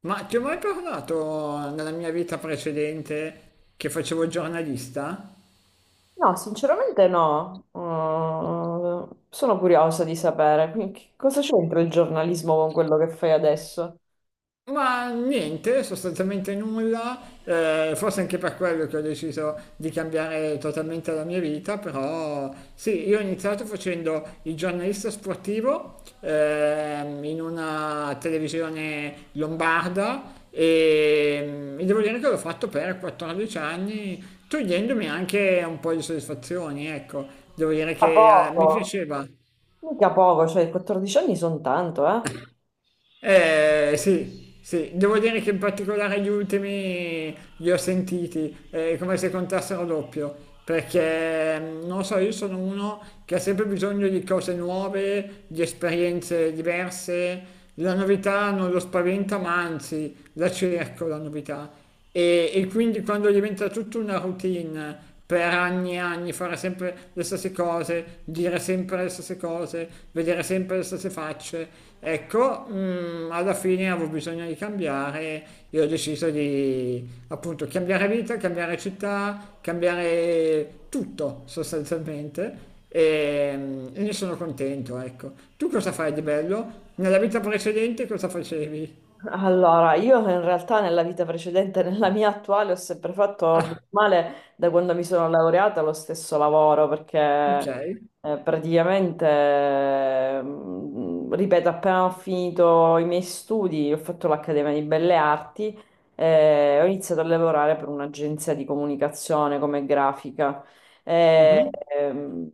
Ma ti ho mai parlato nella mia vita precedente che facevo il giornalista? No, sinceramente no. Sono curiosa di sapere, quindi che cosa c'entra il giornalismo con quello che fai adesso? Ma niente, sostanzialmente nulla, forse anche per quello che ho deciso di cambiare totalmente la mia vita, però sì, io ho iniziato facendo il giornalista sportivo in una televisione lombarda e devo dire che l'ho fatto per 14 anni, togliendomi anche un po' di soddisfazioni, ecco, devo dire A che mi poco, piaceva. mica poco, cioè 14 anni sono tanto, eh? Eh sì, sì, devo dire che in particolare gli ultimi li ho sentiti, come se contassero doppio, perché non so, io sono uno che ha sempre bisogno di cose nuove, di esperienze diverse, la novità non lo spaventa, ma anzi la cerco la novità. E quindi quando diventa tutta una routine per anni e anni, fare sempre le stesse cose, dire sempre le stesse cose, vedere sempre le stesse facce, ecco, alla fine avevo bisogno di cambiare e ho deciso di appunto cambiare vita, cambiare città, cambiare tutto sostanzialmente. E ne sono contento, ecco. Tu cosa fai di bello? Nella vita precedente cosa facevi? Allora, io in realtà nella vita precedente, nella mia attuale, ho sempre fatto bene Ah, o male da quando mi sono laureata lo stesso lavoro, perché ok. Praticamente, ripeto, appena ho finito i miei studi, ho fatto l'Accademia di Belle Arti e ho iniziato a lavorare per un'agenzia di comunicazione come grafica. Eh, Mhm. ehm,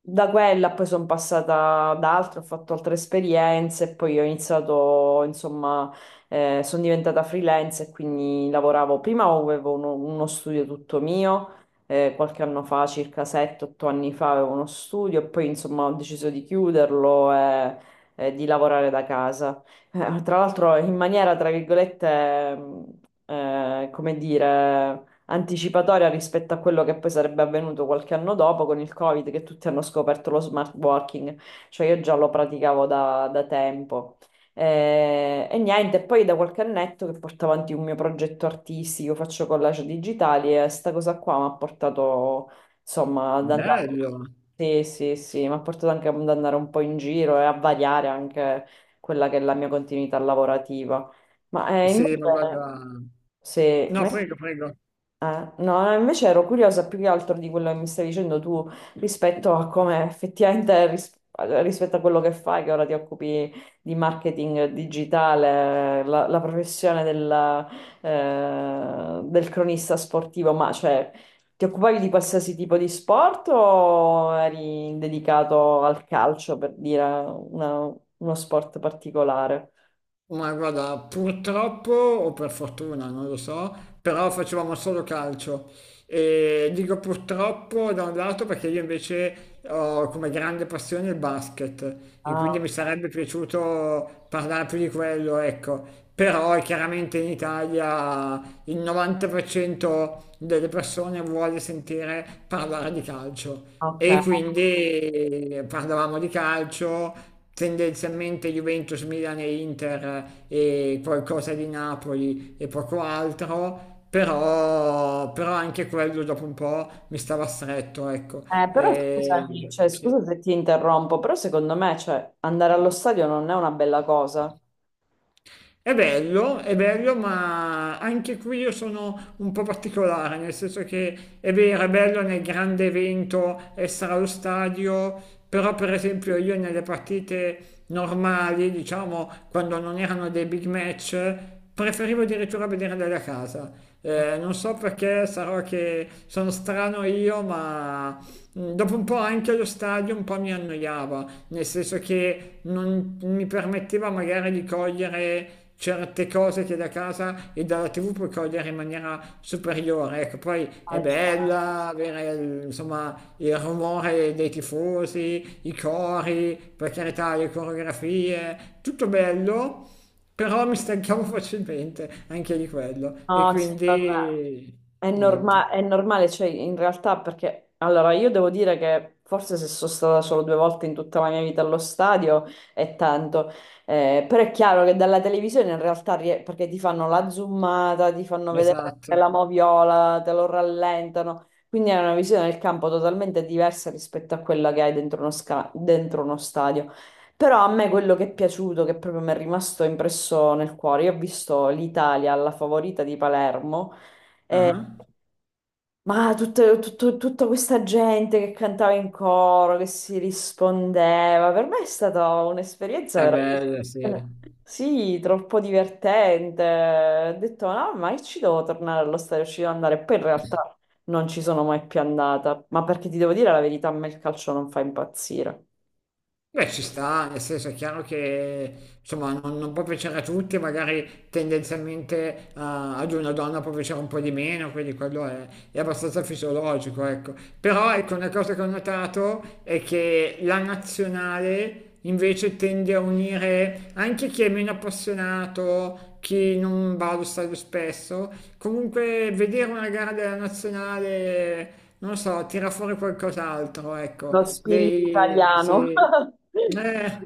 Da quella poi sono passata ad altre, ho fatto altre esperienze e poi ho iniziato, insomma, sono diventata freelance e quindi lavoravo. Prima avevo uno studio tutto mio, qualche anno fa, circa 7-8 anni fa, avevo uno studio e poi, insomma, ho deciso di chiuderlo e di lavorare da casa. Tra l'altro in maniera, tra virgolette, come dire, anticipatoria rispetto a quello che poi sarebbe avvenuto qualche anno dopo con il Covid, che tutti hanno scoperto lo smart working, cioè io già lo praticavo da tempo. E niente, poi da qualche annetto che porto avanti un mio progetto artistico, faccio collage digitali e sta cosa qua mi ha portato, insomma, ad andare. Bello. Sì, sì, sì, mi ha portato anche ad andare un po' in giro e a variare anche quella che è la mia continuità lavorativa. Ma Sì, invece, ma guarda... se, No, ma- prego, prego. No, invece ero curiosa più che altro di quello che mi stai dicendo tu rispetto a come effettivamente rispetto a quello che fai, che ora ti occupi di marketing digitale, la professione del cronista sportivo, ma cioè ti occupavi di qualsiasi tipo di sport o eri dedicato al calcio, per dire uno sport particolare? Ma guarda, purtroppo o per fortuna, non lo so, però facevamo solo calcio. E dico purtroppo da un lato perché io invece ho come grande passione il basket e quindi Ah, mi sarebbe piaciuto parlare più di quello, ecco. Però chiaramente in Italia il 90% delle persone vuole sentire parlare di calcio. ok. E quindi parlavamo di calcio, tendenzialmente Juventus, Milan e Inter e qualcosa di Napoli e poco altro, però anche quello dopo un po' mi stava stretto, ecco. Però E, scusami, cioè, sì. scusa se ti interrompo, però secondo me, cioè, andare allo stadio non è una bella cosa. È bello, ma anche qui io sono un po' particolare, nel senso che è vero, è bello nel grande evento essere allo stadio, però per esempio io nelle partite normali, diciamo, quando non erano dei big match, preferivo addirittura vederle da casa. Non so perché, sarò che sono strano io, ma dopo un po' anche allo stadio un po' mi annoiava nel senso che non mi permetteva magari di cogliere certe cose che da casa e dalla tv puoi cogliere in maniera superiore, ecco. Poi è Cioè, bella avere insomma il rumore dei tifosi, i cori, per carità, le coreografie, tutto bello, però mi stancavo facilmente anche di quello e no, sì, vabbè. quindi È niente. norma- è normale, cioè in realtà perché allora io devo dire che forse se sono stata solo due volte in tutta la mia vita allo stadio è tanto. Però è chiaro che dalla televisione in realtà perché ti fanno la zoomata, ti fanno vedere Esatto. la moviola, te lo rallentano, quindi è una visione del campo totalmente diversa rispetto a quella che hai dentro uno stadio. Però a me quello che è piaciuto, che proprio mi è rimasto impresso nel cuore, io ho visto l'Italia alla favorita di Palermo, Ah, ma tutta questa gente che cantava in coro, che si rispondeva, per me è stata un'esperienza è bella sì. veramente, sì, troppo divertente. Ho detto, no, ma io ci devo tornare allo stadio, ci devo andare. Poi in realtà non ci sono mai più andata, ma perché ti devo dire la verità, a me il calcio non fa impazzire. Beh, ci sta, nel senso è chiaro che insomma non può piacere a tutti, magari tendenzialmente ad una donna può piacere un po' di meno, quindi quello è abbastanza fisiologico, ecco. Però ecco, una cosa che ho notato è che la nazionale invece tende a unire anche chi è meno appassionato, chi non va allo stadio spesso. Comunque vedere una gara della nazionale, non lo so, tira fuori qualcos'altro, ecco, Lo spirito dei... italiano. Sì. Eh,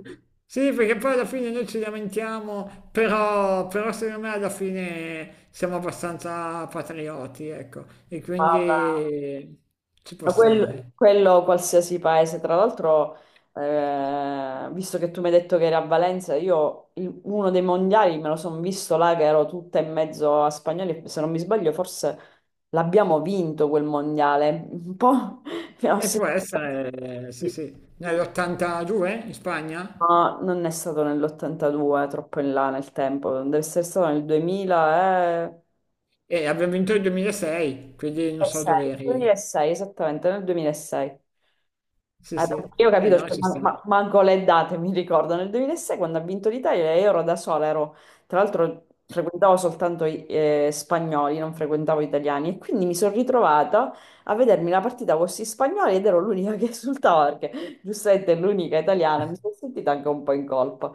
sì, perché poi alla fine noi ci lamentiamo, però secondo me alla fine siamo abbastanza patrioti, ecco, e Vabbè. quindi ci può Ma stare. quello qualsiasi paese, tra l'altro, visto che tu mi hai detto che eri a Valenza, io uno dei mondiali me lo sono visto là che ero tutta in mezzo a spagnoli, se non mi sbaglio forse l'abbiamo vinto quel mondiale, un po' mi ha E può ossessionato, essere, sì, sì, nell'82 in Spagna ma non è stato nell'82, troppo in là nel tempo, deve essere stato nel 2006, e abbiamo vinto il 2006, quindi non so dove eri. 2006, esattamente nel 2006. Sì, Ah, sì, perché io ho e capito, allora cioè, ci sta. Manco le date mi ricordo. Nel 2006 quando ha vinto l'Italia io ero da sola, tra l'altro frequentavo soltanto spagnoli, non frequentavo italiani e quindi mi sono ritrovata a vedermi la partita con questi spagnoli ed ero l'unica che esultava perché giustamente è l'unica italiana, mi sono sentita anche un po' in colpa.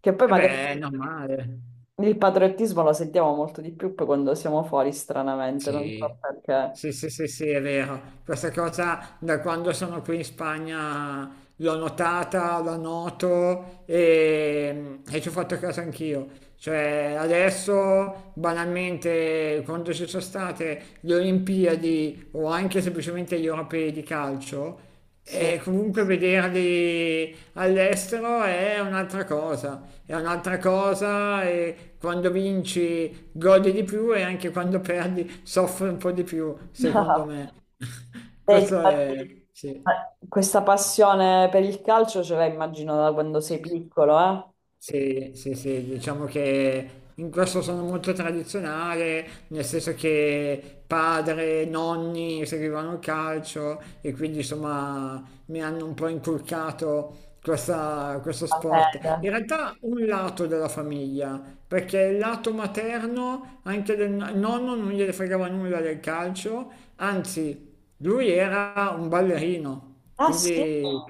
Che poi E magari beh, è normale. il patriottismo lo sentiamo molto di più poi quando siamo fuori, stranamente, non so Sì. perché. Sì, sì, sì, sì, è vero. Questa cosa da quando sono qui in Spagna l'ho notata, la noto e ci ho fatto caso anch'io. Cioè, adesso banalmente, quando ci sono state le Olimpiadi o anche semplicemente gli europei di calcio, Sì. e comunque vederli all'estero è un'altra cosa, è un'altra cosa, e quando vinci gode di più e anche quando perdi soffre un po' di più, secondo me. Senti, Questo è... sì. Questa passione per il calcio ce l'hai, immagino, da quando sei piccolo, eh? Sì, sì, sì, diciamo che in questo sono molto tradizionale, nel senso che padre, nonni seguivano il calcio e quindi insomma mi hanno un po' inculcato questo La sport. fede. In realtà un lato della famiglia, perché il lato materno, anche del nonno non gliene fregava nulla del calcio, anzi lui era un ballerino, Ah sì? quindi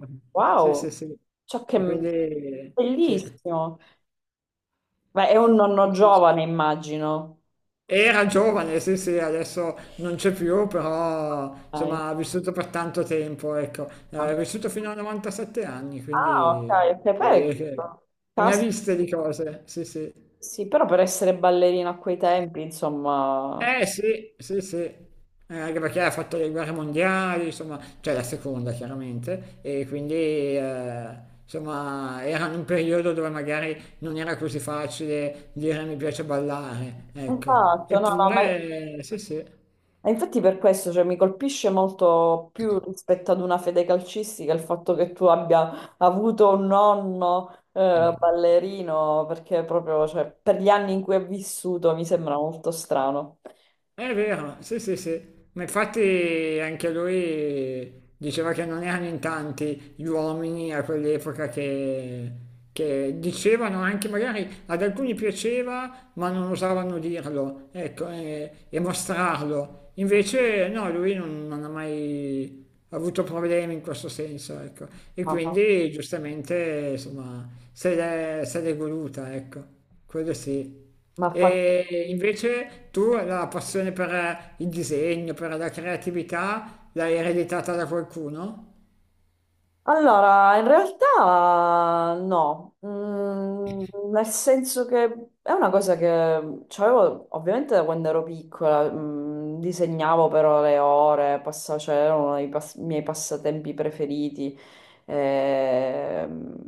sì, sì, Wow! sì. Ciò che... E quindi sì. Bellissimo! Beh, è un nonno giovane, immagino. Era giovane, sì, sì, adesso non c'è più, però Dai. insomma ha vissuto per tanto tempo, ecco. Ha vissuto fino a 97 anni, Ah, ok, quindi ok. devo Poi, dire che ne ha cas- viste di cose, sì, sì. sì, però per essere ballerina a quei tempi, insomma... Eh sì, sì, sì. Anche perché ha fatto le guerre mondiali, insomma, cioè la seconda chiaramente, e quindi insomma era in un periodo dove magari non era così facile dire mi piace ballare, ecco, Esatto, no, no. Eppure sì, sì. E infatti per questo, cioè, mi colpisce molto più rispetto ad una fede calcistica il fatto che tu abbia avuto un nonno ballerino, perché proprio, cioè, per gli anni in cui è vissuto mi sembra molto strano. È vero, sì, sì, sì. Ma infatti anche lui diceva che non erano in tanti gli uomini a quell'epoca che dicevano anche, magari ad alcuni piaceva, ma non osavano dirlo, ecco, e mostrarlo. Invece no, lui non ha mai avuto problemi in questo senso, ecco. E Ma, ma, quindi giustamente, insomma, se l'è voluta, ecco. Quello sì. ma. E invece tu la passione per il disegno, per la creatività, l'hai ereditata da qualcuno? Allora, in realtà no. Nel senso che è una cosa che c'avevo ovviamente da quando ero piccola, disegnavo però le ore, cioè era uno dei miei passatempi preferiti. Ehm,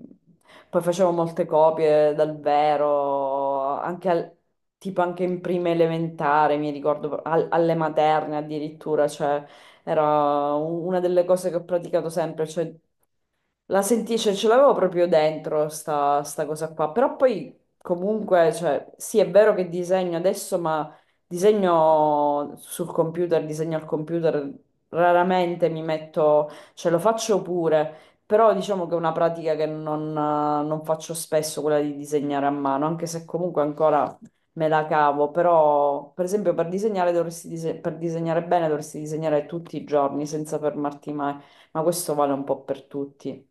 Poi facevo molte copie dal vero, anche tipo anche in prima elementare, mi ricordo, alle materne addirittura, cioè... Era una delle cose che ho praticato sempre, cioè la senti, cioè, ce l'avevo proprio dentro sta cosa qua, però poi comunque, cioè, sì, è vero che disegno adesso, ma disegno sul computer, disegno al computer, raramente mi metto, cioè lo faccio pure, però diciamo che è una pratica che non, non faccio spesso, quella di disegnare a mano, anche se comunque ancora me la cavo, però per esempio per disegnare per disegnare bene dovresti disegnare tutti i giorni senza fermarti mai. Ma questo vale un po' per tutti.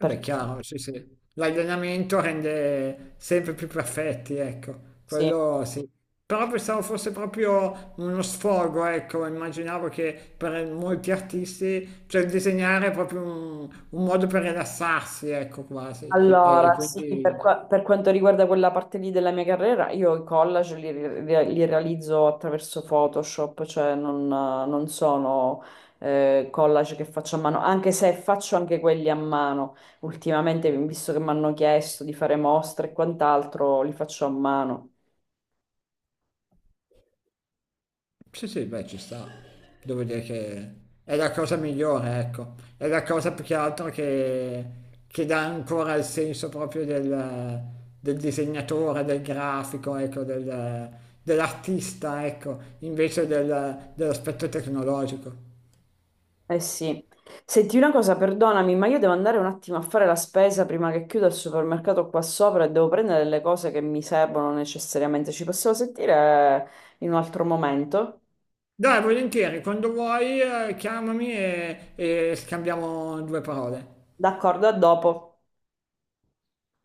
Eh Per beh, tutti, chiaro, sì, sì. L'allenamento rende sempre più perfetti, ecco, sì. quello sì. Però pensavo fosse proprio uno sfogo, ecco, immaginavo che per molti artisti, cioè il disegnare è proprio un modo per rilassarsi, ecco, quasi. E Allora, sì, per, quindi... per quanto riguarda quella parte lì della mia carriera, io i collage li realizzo attraverso Photoshop, cioè non sono collage che faccio a mano, anche se faccio anche quelli a mano. Ultimamente, visto che mi hanno chiesto di fare mostre e quant'altro, li faccio a mano. Sì, sì, beh, ci sta. Devo dire che è la cosa migliore, ecco. È la cosa più che altro che dà ancora il senso proprio del, del disegnatore, del grafico, ecco, dell'artista, ecco, invece dell'aspetto tecnologico. Eh sì, senti una cosa, perdonami, ma io devo andare un attimo a fare la spesa prima che chiuda il supermercato qua sopra e devo prendere le cose che mi servono necessariamente. Ci possiamo sentire in un altro momento? Dai, volentieri, quando vuoi, chiamami e scambiamo due parole. D'accordo, a dopo.